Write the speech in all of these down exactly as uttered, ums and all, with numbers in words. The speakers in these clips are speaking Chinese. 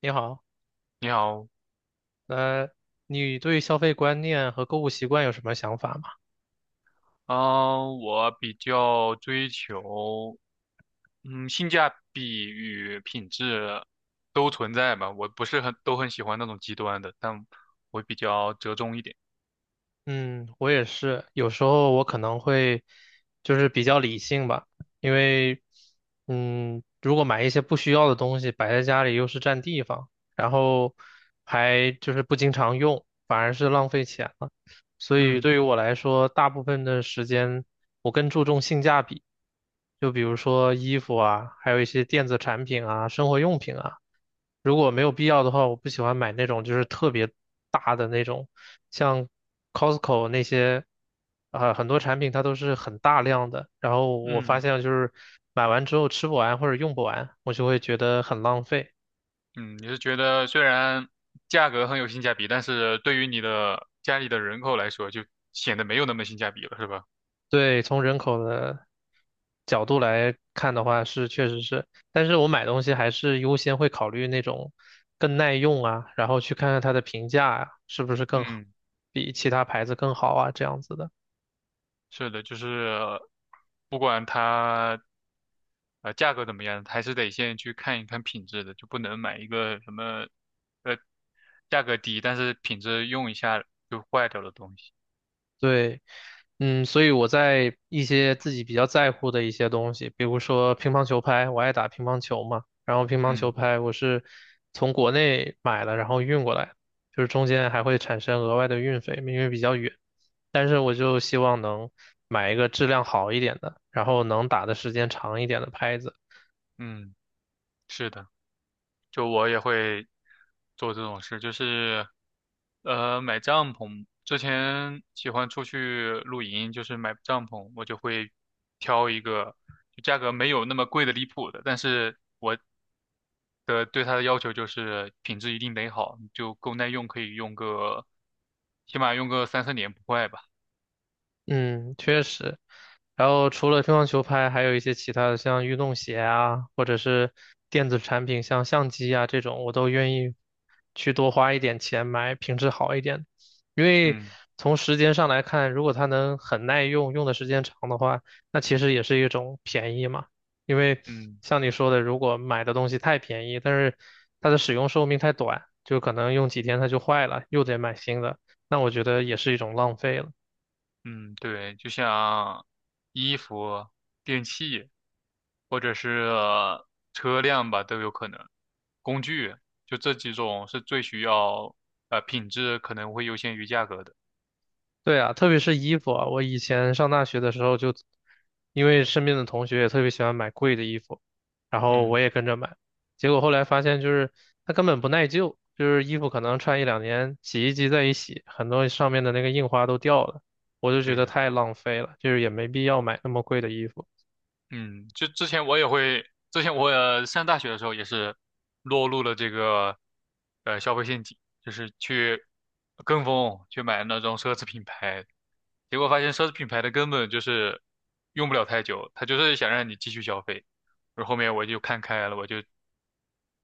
你好，你好，呃，你对消费观念和购物习惯有什么想法吗？嗯、我比较追求，嗯，性价比与品质都存在吧。我不是很都很喜欢那种极端的，但我比较折中一点。嗯，我也是，有时候我可能会就是比较理性吧，因为嗯，如果买一些不需要的东西摆在家里又是占地方，然后还就是不经常用，反而是浪费钱了。所以嗯对于我来说，大部分的时间我更注重性价比，就比如说衣服啊，还有一些电子产品啊、生活用品啊。如果没有必要的话，我不喜欢买那种就是特别大的那种，像 Costco 那些，啊、很多产品它都是很大量的。然后我发嗯现就是买完之后吃不完或者用不完，我就会觉得很浪费。嗯，你是觉得虽然价格很有性价比，但是对于你的家里的人口来说，就显得没有那么性价比了，是吧？对，从人口的角度来看的话，是确实是，但是我买东西还是优先会考虑那种更耐用啊，然后去看看它的评价啊，是不是更好，嗯。比其他牌子更好啊，这样子的。是的，就是不管它呃价格怎么样，还是得先去看一看品质的，就不能买一个什么呃价格低，但是品质用一下就坏掉的东西。对，嗯，所以我在一些自己比较在乎的一些东西，比如说乒乓球拍，我爱打乒乓球嘛，然后乒乓球嗯拍我是从国内买的，然后运过来，就是中间还会产生额外的运费，因为比较远，但是我就希望能买一个质量好一点的，然后能打的时间长一点的拍子。嗯，是的，就我也会做这种事，就是呃买帐篷，之前喜欢出去露营，就是买帐篷，我就会挑一个就价格没有那么贵的离谱的，但是的对它的要求就是品质一定得好，就够耐用，可以用个，起码用个三四年不坏吧。嗯，确实。然后除了乒乓球拍，还有一些其他的，像运动鞋啊，或者是电子产品，像相机啊这种，我都愿意去多花一点钱买品质好一点的。因为嗯从时间上来看，如果它能很耐用，用的时间长的话，那其实也是一种便宜嘛。因为嗯像你说的，如果买的东西太便宜，但是它的使用寿命太短，就可能用几天它就坏了，又得买新的，那我觉得也是一种浪费了。嗯，对，就像衣服、电器或者是车辆吧，都有可能。工具就这几种是最需要呃品质可能会优先于价格的。对啊，特别是衣服啊，我以前上大学的时候就，因为身边的同学也特别喜欢买贵的衣服，然后我嗯，也跟着买，结果后来发现就是它根本不耐旧，就是衣服可能穿一两年，洗衣机再一洗，很多上面的那个印花都掉了，我就觉对得的。太浪费了，就是也没必要买那么贵的衣服。嗯，就之前我也会，之前我也上大学的时候也是落入了这个呃消费陷阱，就是去跟风去买那种奢侈品牌，结果发现奢侈品牌的根本就是用不了太久，他就是想让你继续消费。然后后面我就看开了，我就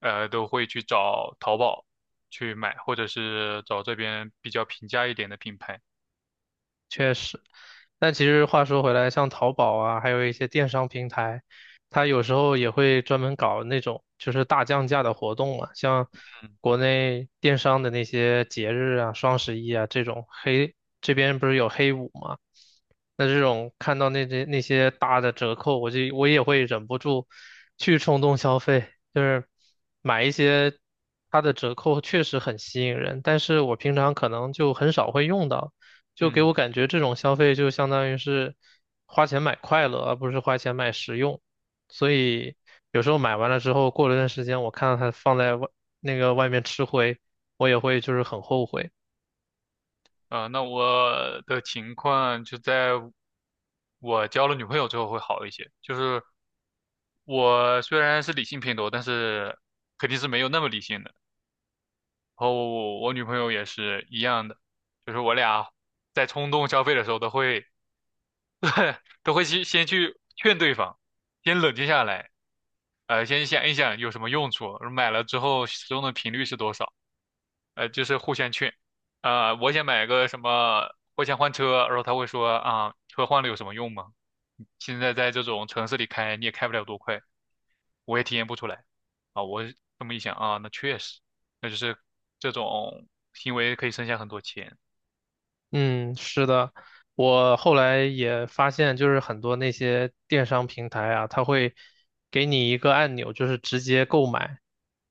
呃都会去找淘宝去买，或者是找这边比较平价一点的品牌。确实，但其实话说回来，像淘宝啊，还有一些电商平台，它有时候也会专门搞那种就是大降价的活动嘛，像国内电商的那些节日啊，双十一啊这种黑，这边不是有黑五嘛，那这种看到那些那些大的折扣，我就我也会忍不住去冲动消费，就是买一些它的折扣确实很吸引人，但是我平常可能就很少会用到。就给嗯。我感觉这种消费就相当于是花钱买快乐，而不是花钱买实用。所以有时候买完了之后，过了段时间，我看到它放在外那个外面吃灰，我也会就是很后悔。啊，那我的情况就在我交了女朋友之后会好一些。就是我虽然是理性偏多，但是肯定是没有那么理性的。然后我女朋友也是一样的，就是我俩在冲动消费的时候都会都会先先去劝对方，先冷静下来，呃，先想一想有什么用处，买了之后使用的频率是多少。呃，就是互相劝，呃，我想买个什么，我想换车，然后他会说啊，车换了有什么用吗？现在在这种城市里开，你也开不了多快，我也体验不出来。啊，我这么一想啊，那确实，那就是这种行为可以省下很多钱。嗯，是的，我后来也发现，就是很多那些电商平台啊，它会给你一个按钮，就是直接购买，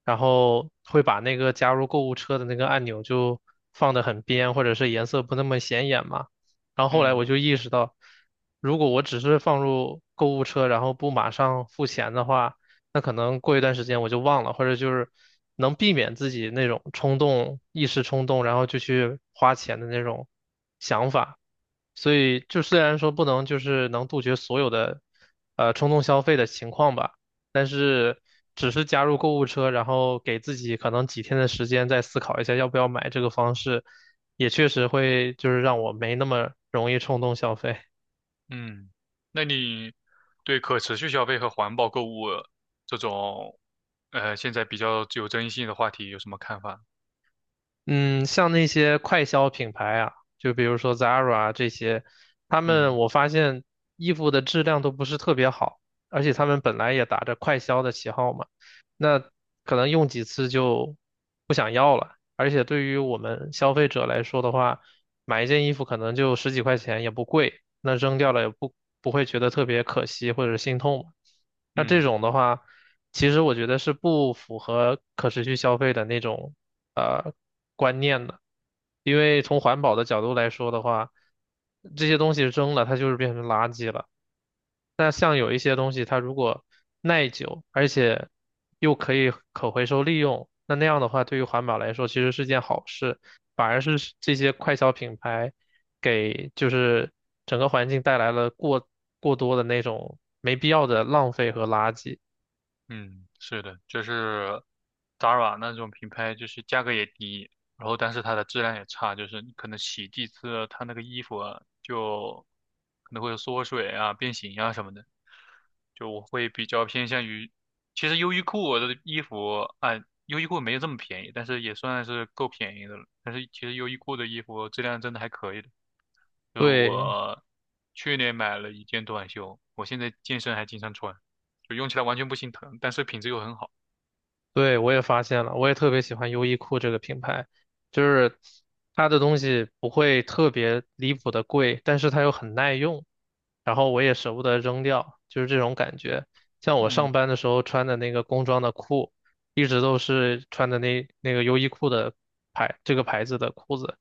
然后会把那个加入购物车的那个按钮就放得很边，或者是颜色不那么显眼嘛。然后后来嗯我就意识到，如果我只是放入购物车，然后不马上付钱的话，那可能过一段时间我就忘了，或者就是能避免自己那种冲动、一时冲动，然后就去花钱的那种想法。所以就虽然说不能就是能杜绝所有的呃冲动消费的情况吧，但是只是加入购物车，然后给自己可能几天的时间再思考一下要不要买这个方式，也确实会就是让我没那么容易冲动消费。嗯，那你对可持续消费和环保购物这种，呃，现在比较具有争议性的话题有什么看法？嗯，像那些快消品牌啊，就比如说 Zara 啊这些，他们嗯我发现衣服的质量都不是特别好，而且他们本来也打着快消的旗号嘛，那可能用几次就不想要了。而且对于我们消费者来说的话，买一件衣服可能就十几块钱也不贵，那扔掉了也不不会觉得特别可惜或者心痛嘛。那这嗯。种的话，其实我觉得是不符合可持续消费的那种呃观念的，因为从环保的角度来说的话，这些东西扔了它就是变成垃圾了。那像有一些东西，它如果耐久，而且又可以可回收利用，那那样的话，对于环保来说其实是件好事，反而是这些快消品牌给就是整个环境带来了过过多的那种没必要的浪费和垃圾。嗯，是的，就是 Zara 那种品牌，就是价格也低，然后但是它的质量也差，就是你可能洗几次，它那个衣服啊就可能会有缩水啊、变形啊什么的。就我会比较偏向于，其实优衣库的衣服啊，优衣库没有这么便宜，但是也算是够便宜的了。但是其实优衣库的衣服质量真的还可以的。就对，我去年买了一件短袖，我现在健身还经常穿。就用起来完全不心疼，但是品质又很好。对，我也发现了，我也特别喜欢优衣库这个品牌，就是它的东西不会特别离谱的贵，但是它又很耐用，然后我也舍不得扔掉，就是这种感觉。像我嗯，上班的时候穿的那个工装的裤，一直都是穿的那那个优衣库的牌，这个牌子的裤子，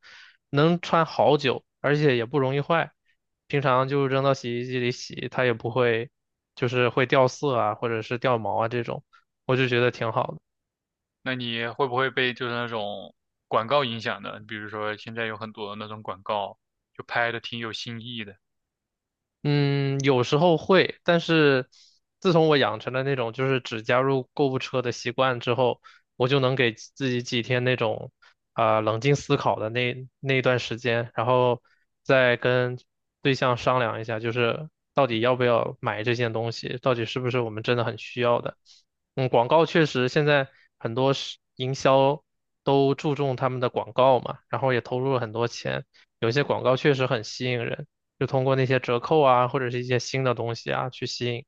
能穿好久，而且也不容易坏。平常就扔到洗衣机里洗，它也不会，就是会掉色啊，或者是掉毛啊这种，我就觉得挺好的。那你会不会被就是那种广告影响呢？比如说现在有很多那种广告，就拍的挺有新意的。嗯，有时候会，但是自从我养成了那种就是只加入购物车的习惯之后，我就能给自己几天那种啊、冷静思考的那那一段时间，然后再跟对象商量一下，就是到底要不要买这件东西，到底是不是我们真的很需要的。嗯，广告确实现在很多是营销都注重他们的广告嘛，然后也投入了很多钱，有些广告确实很吸引人。就通过那些折扣啊，或者是一些新的东西啊去吸引。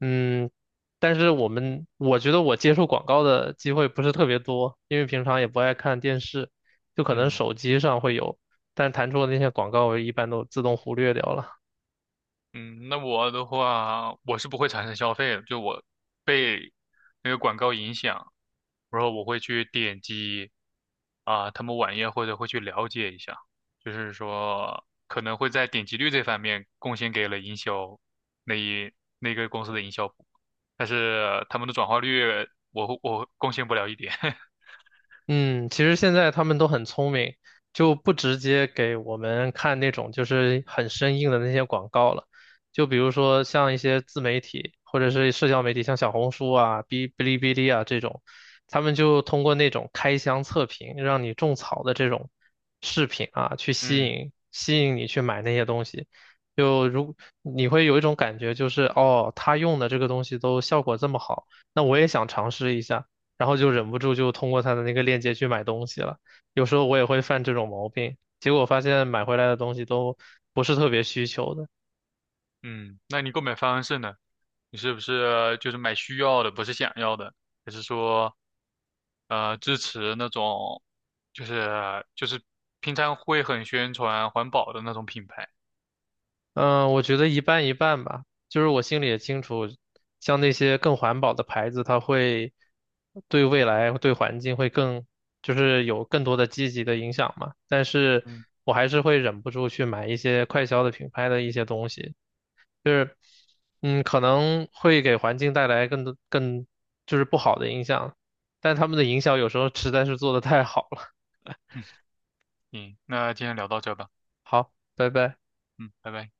嗯，但是我们我觉得我接触广告的机会不是特别多，因为平常也不爱看电视，就可能嗯。手机上会有，但弹出的那些广告我一般都自动忽略掉了。嗯，那我的话，我是不会产生消费的，就我被那个广告影响，然后我会去点击啊、他们网页或者会去了解一下，就是说可能会在点击率这方面贡献给了营销那一那个公司的营销部，但是他们的转化率我会我贡献不了一点。嗯，其实现在他们都很聪明，就不直接给我们看那种就是很生硬的那些广告了。就比如说像一些自媒体或者是社交媒体，像小红书啊、哔哔哩哔哩啊这种，他们就通过那种开箱测评，让你种草的这种视频啊，去吸嗯引吸引你去买那些东西。就如你会有一种感觉，就是哦，他用的这个东西都效果这么好，那我也想尝试一下。然后就忍不住就通过他的那个链接去买东西了。有时候我也会犯这种毛病，结果发现买回来的东西都不是特别需求的。嗯，那你购买方式呢？你是不是就是买需要的，不是想要的？还是说？呃支持那种就是就是平常会很宣传环保的那种品牌。嗯，我觉得一半一半吧，就是我心里也清楚，像那些更环保的牌子，它会对未来、对环境会更，就是有更多的积极的影响嘛。但是嗯，我还是会忍不住去买一些快消的品牌的一些东西，就是嗯，可能会给环境带来更多更就是不好的影响，但他们的营销有时候实在是做的太好了。行，那今天聊到这吧。好，拜拜。嗯，拜拜。